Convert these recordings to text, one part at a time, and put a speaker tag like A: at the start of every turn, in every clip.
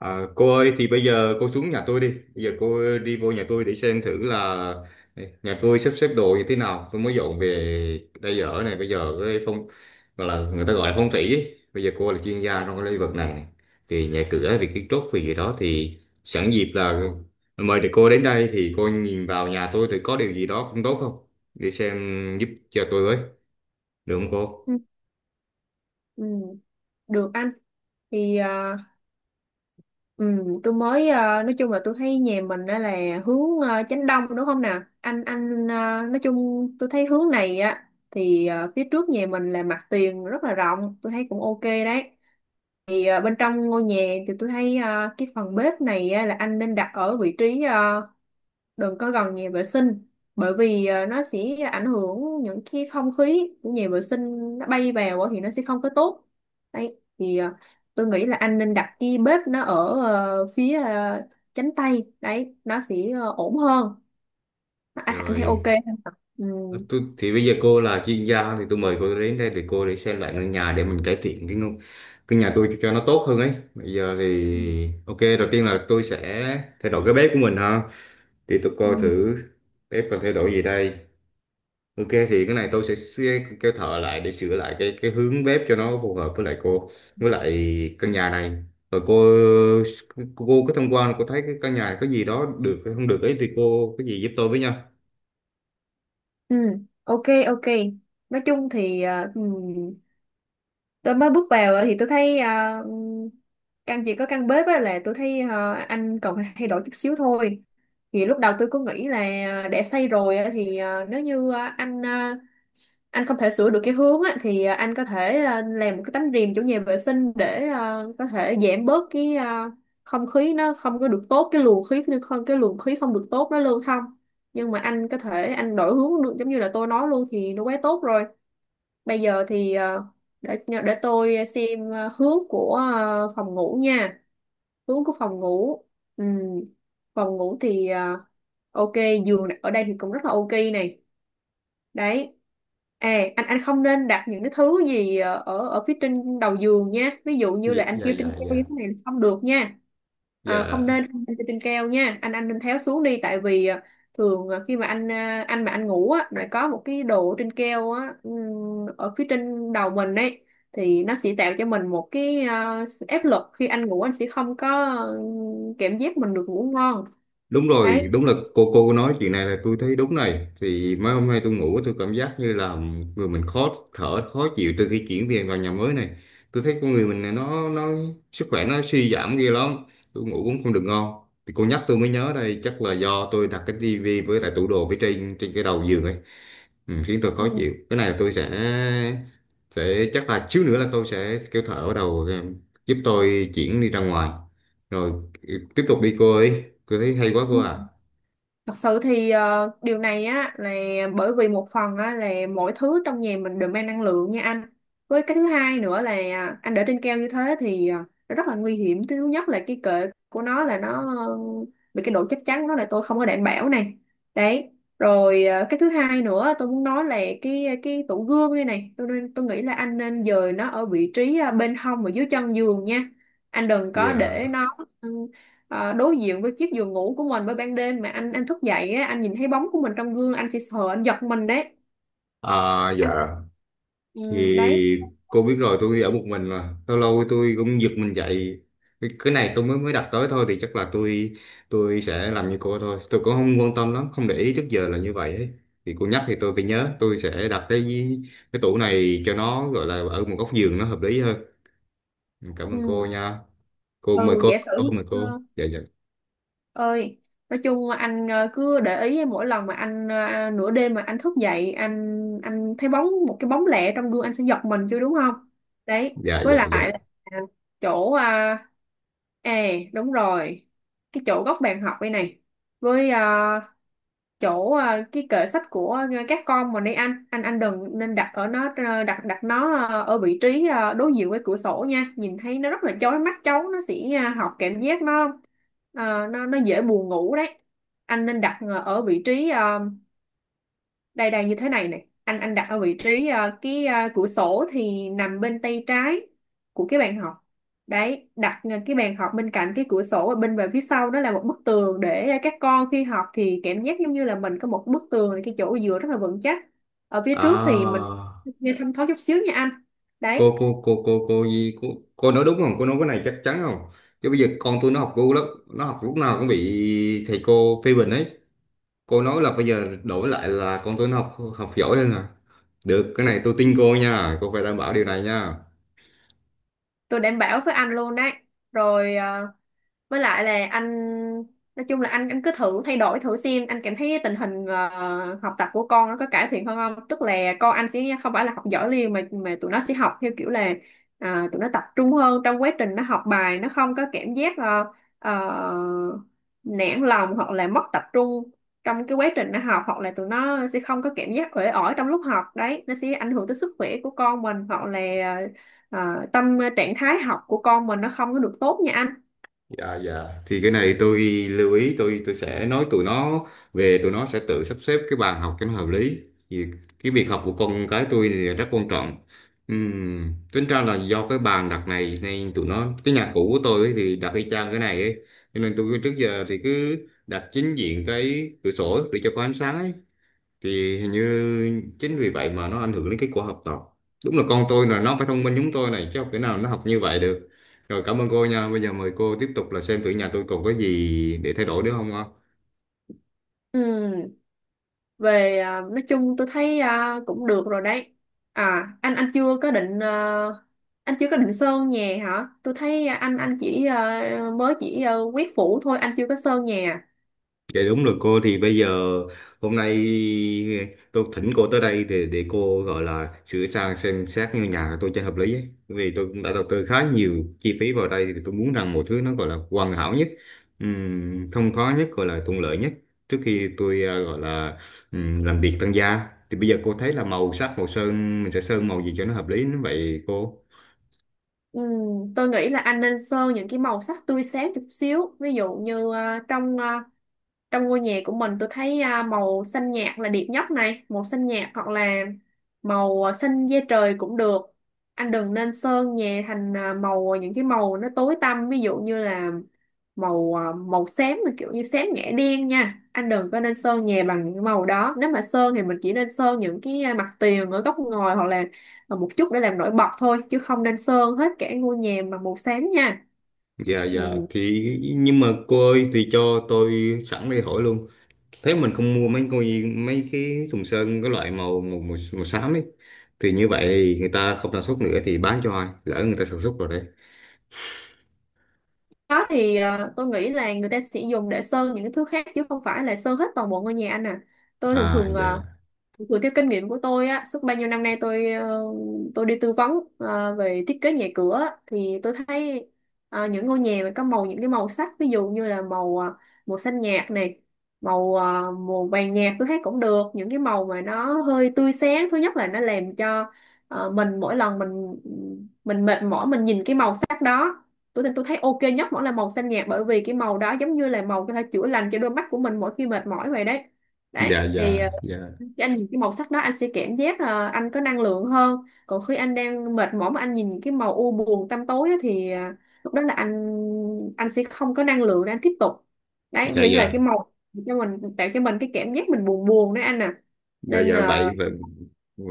A: À, cô ơi thì bây giờ cô xuống nhà tôi đi, bây giờ cô đi vô nhà tôi để xem thử là nhà tôi sắp xếp đồ như thế nào. Tôi mới dọn về đây ở này. Bây giờ cái phong gọi là người ta gọi là phong thủy ấy. Bây giờ cô là chuyên gia trong cái lĩnh vực này, thì nhà cửa về kiến trúc về gì đó thì sẵn dịp là mời được cô đến đây, thì cô nhìn vào nhà tôi thì có điều gì đó không tốt không, để xem giúp cho tôi với, được không cô?
B: Ừ, ừ, được anh. Thì tôi mới nói chung là tôi thấy nhà mình đó là hướng chánh đông, đúng không nè anh? Nói chung tôi thấy hướng này á, phía trước nhà mình là mặt tiền rất là rộng, tôi thấy cũng ok đấy. Bên trong ngôi nhà thì tôi thấy cái phần bếp này á là anh nên đặt ở vị trí, đừng có gần nhà vệ sinh, bởi vì nó sẽ ảnh hưởng, những cái không khí của nhà vệ sinh nó bay vào á thì nó sẽ không có tốt. Đấy thì tôi nghĩ là anh nên đặt cái bếp nó ở ờ, phía ờ, chánh tay đấy, nó sẽ ổn hơn. Anh thấy ok
A: Rồi.
B: không? Ừ.
A: Thì bây giờ cô là chuyên gia thì tôi mời cô đến đây để cô để xem lại ngôi nhà, để mình cải thiện cái cái nhà tôi cho nó tốt hơn ấy. Bây giờ
B: Ừ.
A: thì ok, đầu tiên là tôi sẽ thay đổi cái bếp của mình ha. Thì tôi
B: Ừ.
A: coi thử bếp cần thay đổi gì đây. Ok, thì cái này tôi sẽ kêu thợ lại để sửa lại cái hướng bếp cho nó phù hợp với lại cô, với lại căn nhà này. Rồi cô, có tham quan, cô thấy cái căn nhà này có gì đó được hay không được ấy, thì cô có gì giúp tôi với nha.
B: Ừ, ok, ok. Nói chung thì tôi mới bước vào thì tôi thấy căn chỉ có căn bếp á là tôi thấy anh còn thay đổi chút xíu thôi. Thì lúc đầu tôi cứ nghĩ là để xây rồi á, thì nếu như anh không thể sửa được cái hướng á thì anh có thể làm một cái tấm rèm chỗ nhà vệ sinh để có thể giảm bớt cái không khí nó không có được tốt, cái luồng khí không được tốt nó lưu thông. Nhưng mà anh có thể anh đổi hướng được, giống như là tôi nói luôn thì nó quá tốt rồi. Bây giờ thì để tôi xem hướng của phòng ngủ nha. Hướng của phòng ngủ. Ừm, Phòng ngủ thì ok, giường ở đây thì cũng rất là ok này. Đấy. Anh không nên đặt những cái thứ gì ờ, ở ở phía trên đầu giường nha, ví dụ như
A: Dạ,
B: là anh
A: dạ,
B: kêu
A: dạ.
B: trên keo
A: Dạ.
B: như thế này là không được nha. Ờ,
A: Dạ.
B: không nên không nên kêu trên keo nha, anh nên tháo xuống đi, tại vì khi mà anh mà anh ngủ á, lại có một cái đồ trên keo á, ở phía trên đầu mình ấy, thì nó sẽ tạo cho mình một cái sự áp lực, khi anh ngủ anh sẽ không có ờ, cảm giác mình được ngủ ngon.
A: Đúng rồi,
B: Đấy.
A: đúng là cô nói chuyện này là tôi thấy đúng này. Thì mấy hôm nay tôi ngủ tôi cảm giác như là người mình khó thở, khó chịu. Từ khi chuyển về vào nhà mới này tôi thấy con người mình này nó sức khỏe nó suy giảm ghê lắm, tôi ngủ cũng không được ngon. Thì cô nhắc tôi mới nhớ, đây chắc là do tôi đặt cái tivi với lại tủ đồ phía trên, trên cái đầu giường ấy, khiến tôi khó chịu. Cái này tôi sẽ chắc là xíu nữa là tôi sẽ kêu thợ ở đầu, giúp tôi chuyển đi ra ngoài. Rồi, tiếp tục đi cô ơi, cô thấy hay quá
B: Ừ.
A: cô à.
B: Thật sự thì điều này á là bởi vì một phần á là mỗi thứ trong nhà mình đều mang năng lượng nha anh. Với cái thứ hai nữa là anh để trên keo như thế thì nó rất là nguy hiểm. Thứ nhất là cái kệ của nó là nó ờ, bị, cái độ chắc chắn nó là tôi không có đảm bảo này. Đấy. Rồi cái thứ hai nữa tôi muốn nói là cái tủ gương đây này. Tôi nghĩ là anh nên dời nó ở vị trí bên hông và dưới chân giường nha. Anh đừng có
A: Dạ.
B: để nó đối diện với chiếc giường ngủ của mình, bởi ban đêm mà anh thức dậy á, anh nhìn thấy bóng của mình trong gương anh sẽ sợ, anh giật mình đấy
A: À,
B: anh.
A: dạ,
B: Ừ. Đấy.
A: thì cô biết rồi, tôi ở một mình là lâu lâu tôi cũng giật mình dậy. Cái này tôi mới mới đặt tới thôi, thì chắc là tôi sẽ làm như cô thôi, tôi cũng không quan tâm lắm, không để ý, trước giờ là như vậy ấy. Thì cô nhắc thì tôi phải nhớ, tôi sẽ đặt cái tủ này cho nó gọi là ở một góc giường nó hợp lý hơn. Cảm ơn
B: Ừ.
A: cô nha. Cô, mời
B: Ừ
A: cô.
B: giả
A: Cô,
B: sử,
A: mời cô. Dạ, dạ.
B: ơi, nói chung anh cứ để ý mỗi lần mà anh, nửa đêm mà anh thức dậy, anh thấy bóng, một cái bóng lẻ trong gương anh sẽ giật mình chứ, đúng không? Đấy,
A: Dạ,
B: với
A: dạ,
B: lại
A: dạ.
B: là, à, chỗ à, à đúng rồi, cái chỗ góc bàn học đây này, với chỗ cái kệ sách của các con, mà đi anh đừng nên đặt ở nó, ờ, đặt đặt nó ở vị trí đối diện với cửa sổ nha, nhìn thấy nó rất là chói mắt, cháu nó sẽ học cảm giác nó nó dễ buồn ngủ đấy. Anh nên đặt ở vị trí đây đây như thế này này, anh đặt ở vị trí cửa sổ thì nằm bên tay trái của cái bàn học. Đấy, đặt cái bàn học bên cạnh cái cửa sổ và bên về phía sau đó là một bức tường, để các con khi học thì cảm giác giống như là mình có một bức tường, cái chỗ dựa rất là vững chắc, ở phía trước thì mình
A: À,
B: nghe thâm thoáng chút xíu nha anh. Đấy.
A: cô, cô nói đúng không, cô nói cái này chắc chắn không? Chứ bây giờ con tôi nó học cô lắm, nó học lúc nào cũng bị thầy cô phê bình ấy. Cô nói là bây giờ đổi lại là con tôi nó học học giỏi hơn à? Được, cái này tôi tin cô nha, cô phải đảm bảo điều này nha.
B: Tôi đảm bảo với anh luôn đấy. Rồi với lại là anh, nói chung là anh cứ thử thay đổi thử xem, anh cảm thấy tình hình học tập của con nó có cải thiện hơn không, tức là con anh sẽ không phải là học giỏi liền mà tụi nó sẽ học theo kiểu là tụi nó tập trung hơn trong quá trình nó học bài, nó không có cảm giác ờ, nản lòng hoặc là mất tập trung trong cái quá trình nó học, hoặc là tụi nó sẽ không có cảm giác uể oải trong lúc học đấy, nó sẽ ảnh hưởng tới sức khỏe của con mình, hoặc là tâm trạng thái học của con mình nó không có được tốt nha anh.
A: Dạ, dạ, thì cái này tôi lưu ý, tôi sẽ nói tụi nó, về tụi nó sẽ tự sắp xếp cái bàn học cho nó hợp lý, vì cái việc học của con cái tôi thì rất quan trọng. Ừm, tính ra là do cái bàn đặt này nên tụi nó, cái nhà cũ của tôi ấy thì đặt y chang cái này ấy, cho nên tôi trước giờ thì cứ đặt chính diện cái cửa sổ để cho có ánh sáng ấy, thì hình như chính vì vậy mà nó ảnh hưởng đến kết quả học tập. Đúng là con tôi là nó phải thông minh giống tôi này, chứ không thể nào nó học như vậy được. Rồi, cảm ơn cô nha, bây giờ mời cô tiếp tục là xem thử nhà tôi còn có gì để thay đổi nữa không ạ.
B: Ừ, về nói chung tôi thấy cũng được rồi đấy. À anh anh chưa có định à, anh chưa có định sơn nhà hả? Tôi thấy anh mới chỉ quét phủ thôi, anh chưa có sơn nhà.
A: Dạ đúng rồi cô, thì bây giờ hôm nay tôi thỉnh cô tới đây để cô gọi là sửa sang xem xét ngôi nhà của tôi cho hợp lý ấy. Vì tôi cũng đã đầu tư khá nhiều chi phí vào đây thì tôi muốn rằng một thứ nó gọi là hoàn hảo nhất, không, khó nhất, gọi là thuận lợi nhất, trước khi tôi gọi là làm việc tăng gia. Thì bây giờ cô thấy là màu sắc, màu sơn mình sẽ sơn màu gì cho nó hợp lý như vậy cô?
B: Tôi nghĩ là anh nên sơn những cái màu sắc tươi sáng chút xíu, ví dụ như trong ngôi nhà của mình tôi thấy màu xanh nhạt là đẹp nhất này, màu xanh nhạt hoặc là màu xanh da trời cũng được. Anh đừng nên sơn nhà thành màu, những cái màu nó tối tăm, ví dụ như là màu xám mà kiểu như xám ngã đen nha, anh đừng có nên sơn nhà bằng những màu đó. Nếu mà sơn thì mình chỉ nên sơn những cái mặt tiền ở góc ngồi hoặc là một chút để làm nổi bật thôi, chứ không nên sơn hết cả ngôi nhà bằng màu xám nha.
A: Dạ,
B: Ừ.
A: dạ, thì nhưng mà cô ơi, thì cho tôi sẵn đây hỏi luôn. Thế mình không mua mấy coi, mấy cái thùng sơn cái loại màu xám ấy. Thì như vậy thì người ta không sản xuất nữa thì bán cho ai? Lỡ người ta sản xuất rồi đấy.
B: Đó thì tôi nghĩ là người ta sẽ dùng để sơn những cái thứ khác chứ không phải là sơn hết toàn bộ ngôi nhà anh à. Tôi thường
A: À,
B: thường,
A: dạ.
B: dựa theo kinh nghiệm của tôi á, suốt bao nhiêu năm nay tôi đi tư vấn về thiết kế nhà cửa á, thì tôi thấy những ngôi nhà mà có màu, những cái màu sắc ví dụ như là màu xanh nhạt này, màu ờ, màu vàng nhạt tôi thấy cũng được. Những cái màu mà nó hơi tươi sáng, thứ nhất là nó làm cho mình, mỗi lần mình mệt mỏi mình nhìn cái màu sắc đó, tôi thấy ok nhất vẫn là màu xanh nhạt, bởi vì cái màu đó giống như là màu có thể chữa lành cho đôi mắt của mình mỗi khi mệt mỏi vậy đấy. Đấy
A: Dạ,
B: thì
A: dạ, dạ.
B: khi anh nhìn cái màu sắc đó anh sẽ cảm giác là anh có năng lượng hơn. Còn khi anh đang mệt mỏi mà anh nhìn những cái màu u buồn tăm tối á, thì lúc đó là anh sẽ không có năng lượng để anh tiếp tục. Đấy,
A: Dạ,
B: vì là
A: dạ,
B: cái màu cho mình, tạo cho mình cái cảm giác mình buồn buồn đấy anh à.
A: dạ,
B: Nên
A: dạ,
B: là
A: vậy vậy.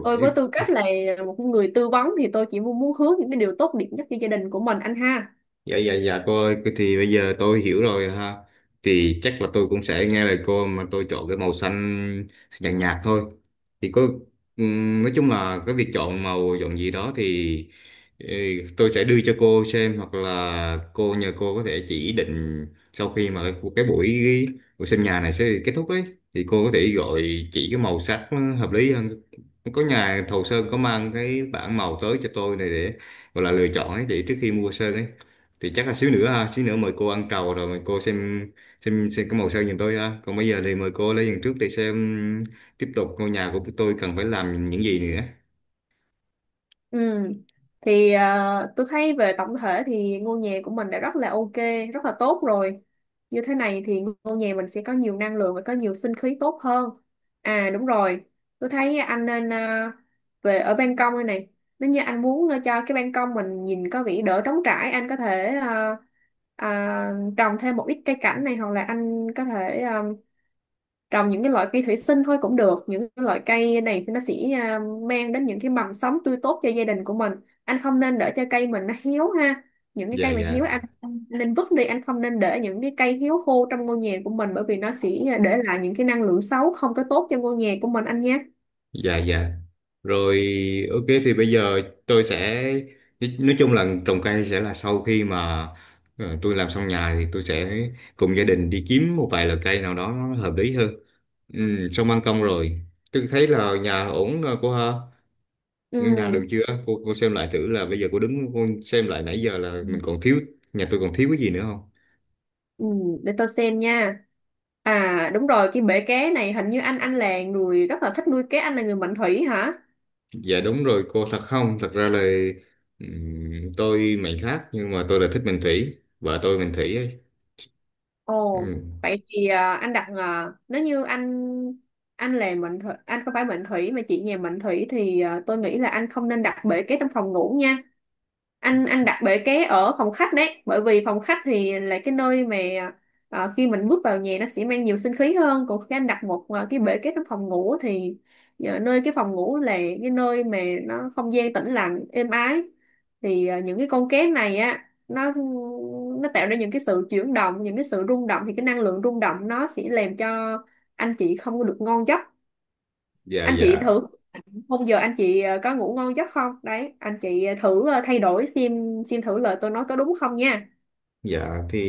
B: tôi với tư cách là một người tư vấn thì tôi chỉ muốn muốn hướng những cái điều tốt đẹp nhất cho gia đình của mình anh ha.
A: Dạ, dạ, dạ, cô ơi, cái thì bây giờ tôi hiểu rồi ha. Thì chắc là tôi cũng sẽ nghe lời cô mà tôi chọn cái màu xanh nhạt nhạt thôi. Thì có, nói chung là cái việc chọn màu chọn gì đó thì, ừ, tôi sẽ đưa cho cô xem, hoặc là cô nhờ cô có thể chỉ định sau khi mà cái buổi, xem nhà này sẽ kết thúc ấy, thì cô có thể gọi, chỉ cái màu sắc nó hợp lý hơn. Có nhà thầu sơn có mang cái bảng màu tới cho tôi này, để gọi là lựa chọn ấy, để trước khi mua sơn ấy. Thì chắc là xíu nữa ha, xíu nữa mời cô ăn trầu rồi mời cô xem cái màu sơn giùm tôi ha. Còn bây giờ thì mời cô lấy giường trước để xem tiếp tục ngôi nhà của tôi cần phải làm những gì nữa.
B: Ừ. Thì tôi thấy về tổng thể thì ngôi nhà của mình đã rất là ok, rất là tốt rồi. Như thế này thì ngôi nhà mình sẽ có nhiều năng lượng và có nhiều sinh khí tốt hơn. À đúng rồi, tôi thấy anh nên, về ở ban công đây này, nếu như anh muốn cho cái ban công mình nhìn có vẻ đỡ trống trải, anh có thể ờ, trồng thêm một ít cây cảnh này, hoặc là anh có thể trồng những cái loại cây thủy sinh thôi cũng được. Những cái loại cây này thì nó sẽ mang đến những cái mầm sống tươi tốt cho gia đình của mình. Anh không nên để cho cây mình nó héo ha, những cái
A: Dạ,
B: cây mà
A: dạ,
B: héo anh nên vứt đi, anh không nên để những cái cây héo khô trong ngôi nhà của mình, bởi vì nó sẽ để lại những cái năng lượng xấu không có tốt cho ngôi nhà của mình anh nhé.
A: dạ. Dạ. Rồi, ok, thì bây giờ tôi sẽ, nói chung là trồng cây sẽ là sau khi mà tôi làm xong nhà thì tôi sẽ cùng gia đình đi kiếm một vài loại cây nào đó nó hợp lý hơn. Xong ban công rồi, tôi thấy là nhà ổn rồi cô ha. Ngân hàng được
B: Ừ.
A: chưa? Cô xem lại thử, là bây giờ cô đứng cô xem lại nãy giờ là mình còn thiếu, nhà tôi còn thiếu cái gì nữa không?
B: Ừ, để tôi xem nha. À đúng rồi, cái bể cá này, hình như anh là người rất là thích nuôi cá, anh là người mệnh thủy hả?
A: Dạ đúng rồi cô. Thật không? Thật ra là, tôi mệnh khác, nhưng mà tôi là thích mệnh thủy, vợ tôi mệnh thủy ấy.
B: Ồ,
A: Ừm.
B: vậy thì nếu như anh là mệnh thủy, anh không phải mệnh thủy mà chị nhà mệnh thủy, thì tôi nghĩ là anh không nên đặt bể ké trong phòng ngủ nha. Anh đặt bể ké ở phòng khách đấy, bởi vì phòng khách thì là cái nơi mà khi mình bước vào nhà nó sẽ mang nhiều sinh khí hơn. Còn khi anh đặt một cái bể ké trong phòng ngủ thì nơi cái phòng ngủ là cái nơi mà nó không gian tĩnh lặng, êm ái. Thì những cái con cá này á, nó nó tạo ra những cái sự chuyển động, những cái sự rung động, thì cái năng lượng rung động nó sẽ làm cho anh chị không có được ngon giấc.
A: Dạ,
B: Anh chị
A: dạ,
B: thử, hôm giờ anh chị có ngủ ngon giấc không đấy? Anh chị thử thay đổi, xem thử lời tôi nói có đúng không nha.
A: dạ, thì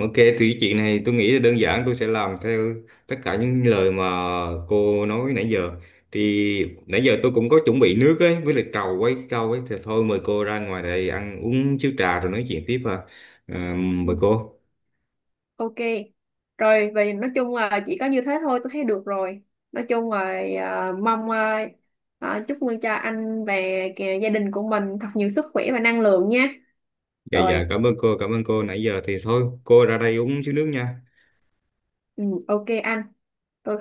A: ok, thì cái chuyện này tôi nghĩ là đơn giản, tôi sẽ làm theo tất cả những lời mà cô nói nãy giờ. Thì nãy giờ tôi cũng có chuẩn bị nước ấy, với lại trầu ấy, câu ấy, thì thôi mời cô ra ngoài đây ăn uống chiếu trà rồi nói chuyện tiếp à. À, mời
B: Ừ.
A: cô.
B: Ok, rồi vì nói chung là chỉ có như thế thôi tôi thấy được rồi. Nói chung là chúc mừng cho anh và kìa gia đình của mình thật nhiều sức khỏe và năng lượng nha.
A: Dạ, dạ,
B: Rồi.
A: cảm ơn cô nãy giờ, thì thôi cô ra đây uống xíu nước nha.
B: Ừ, ok anh, tôi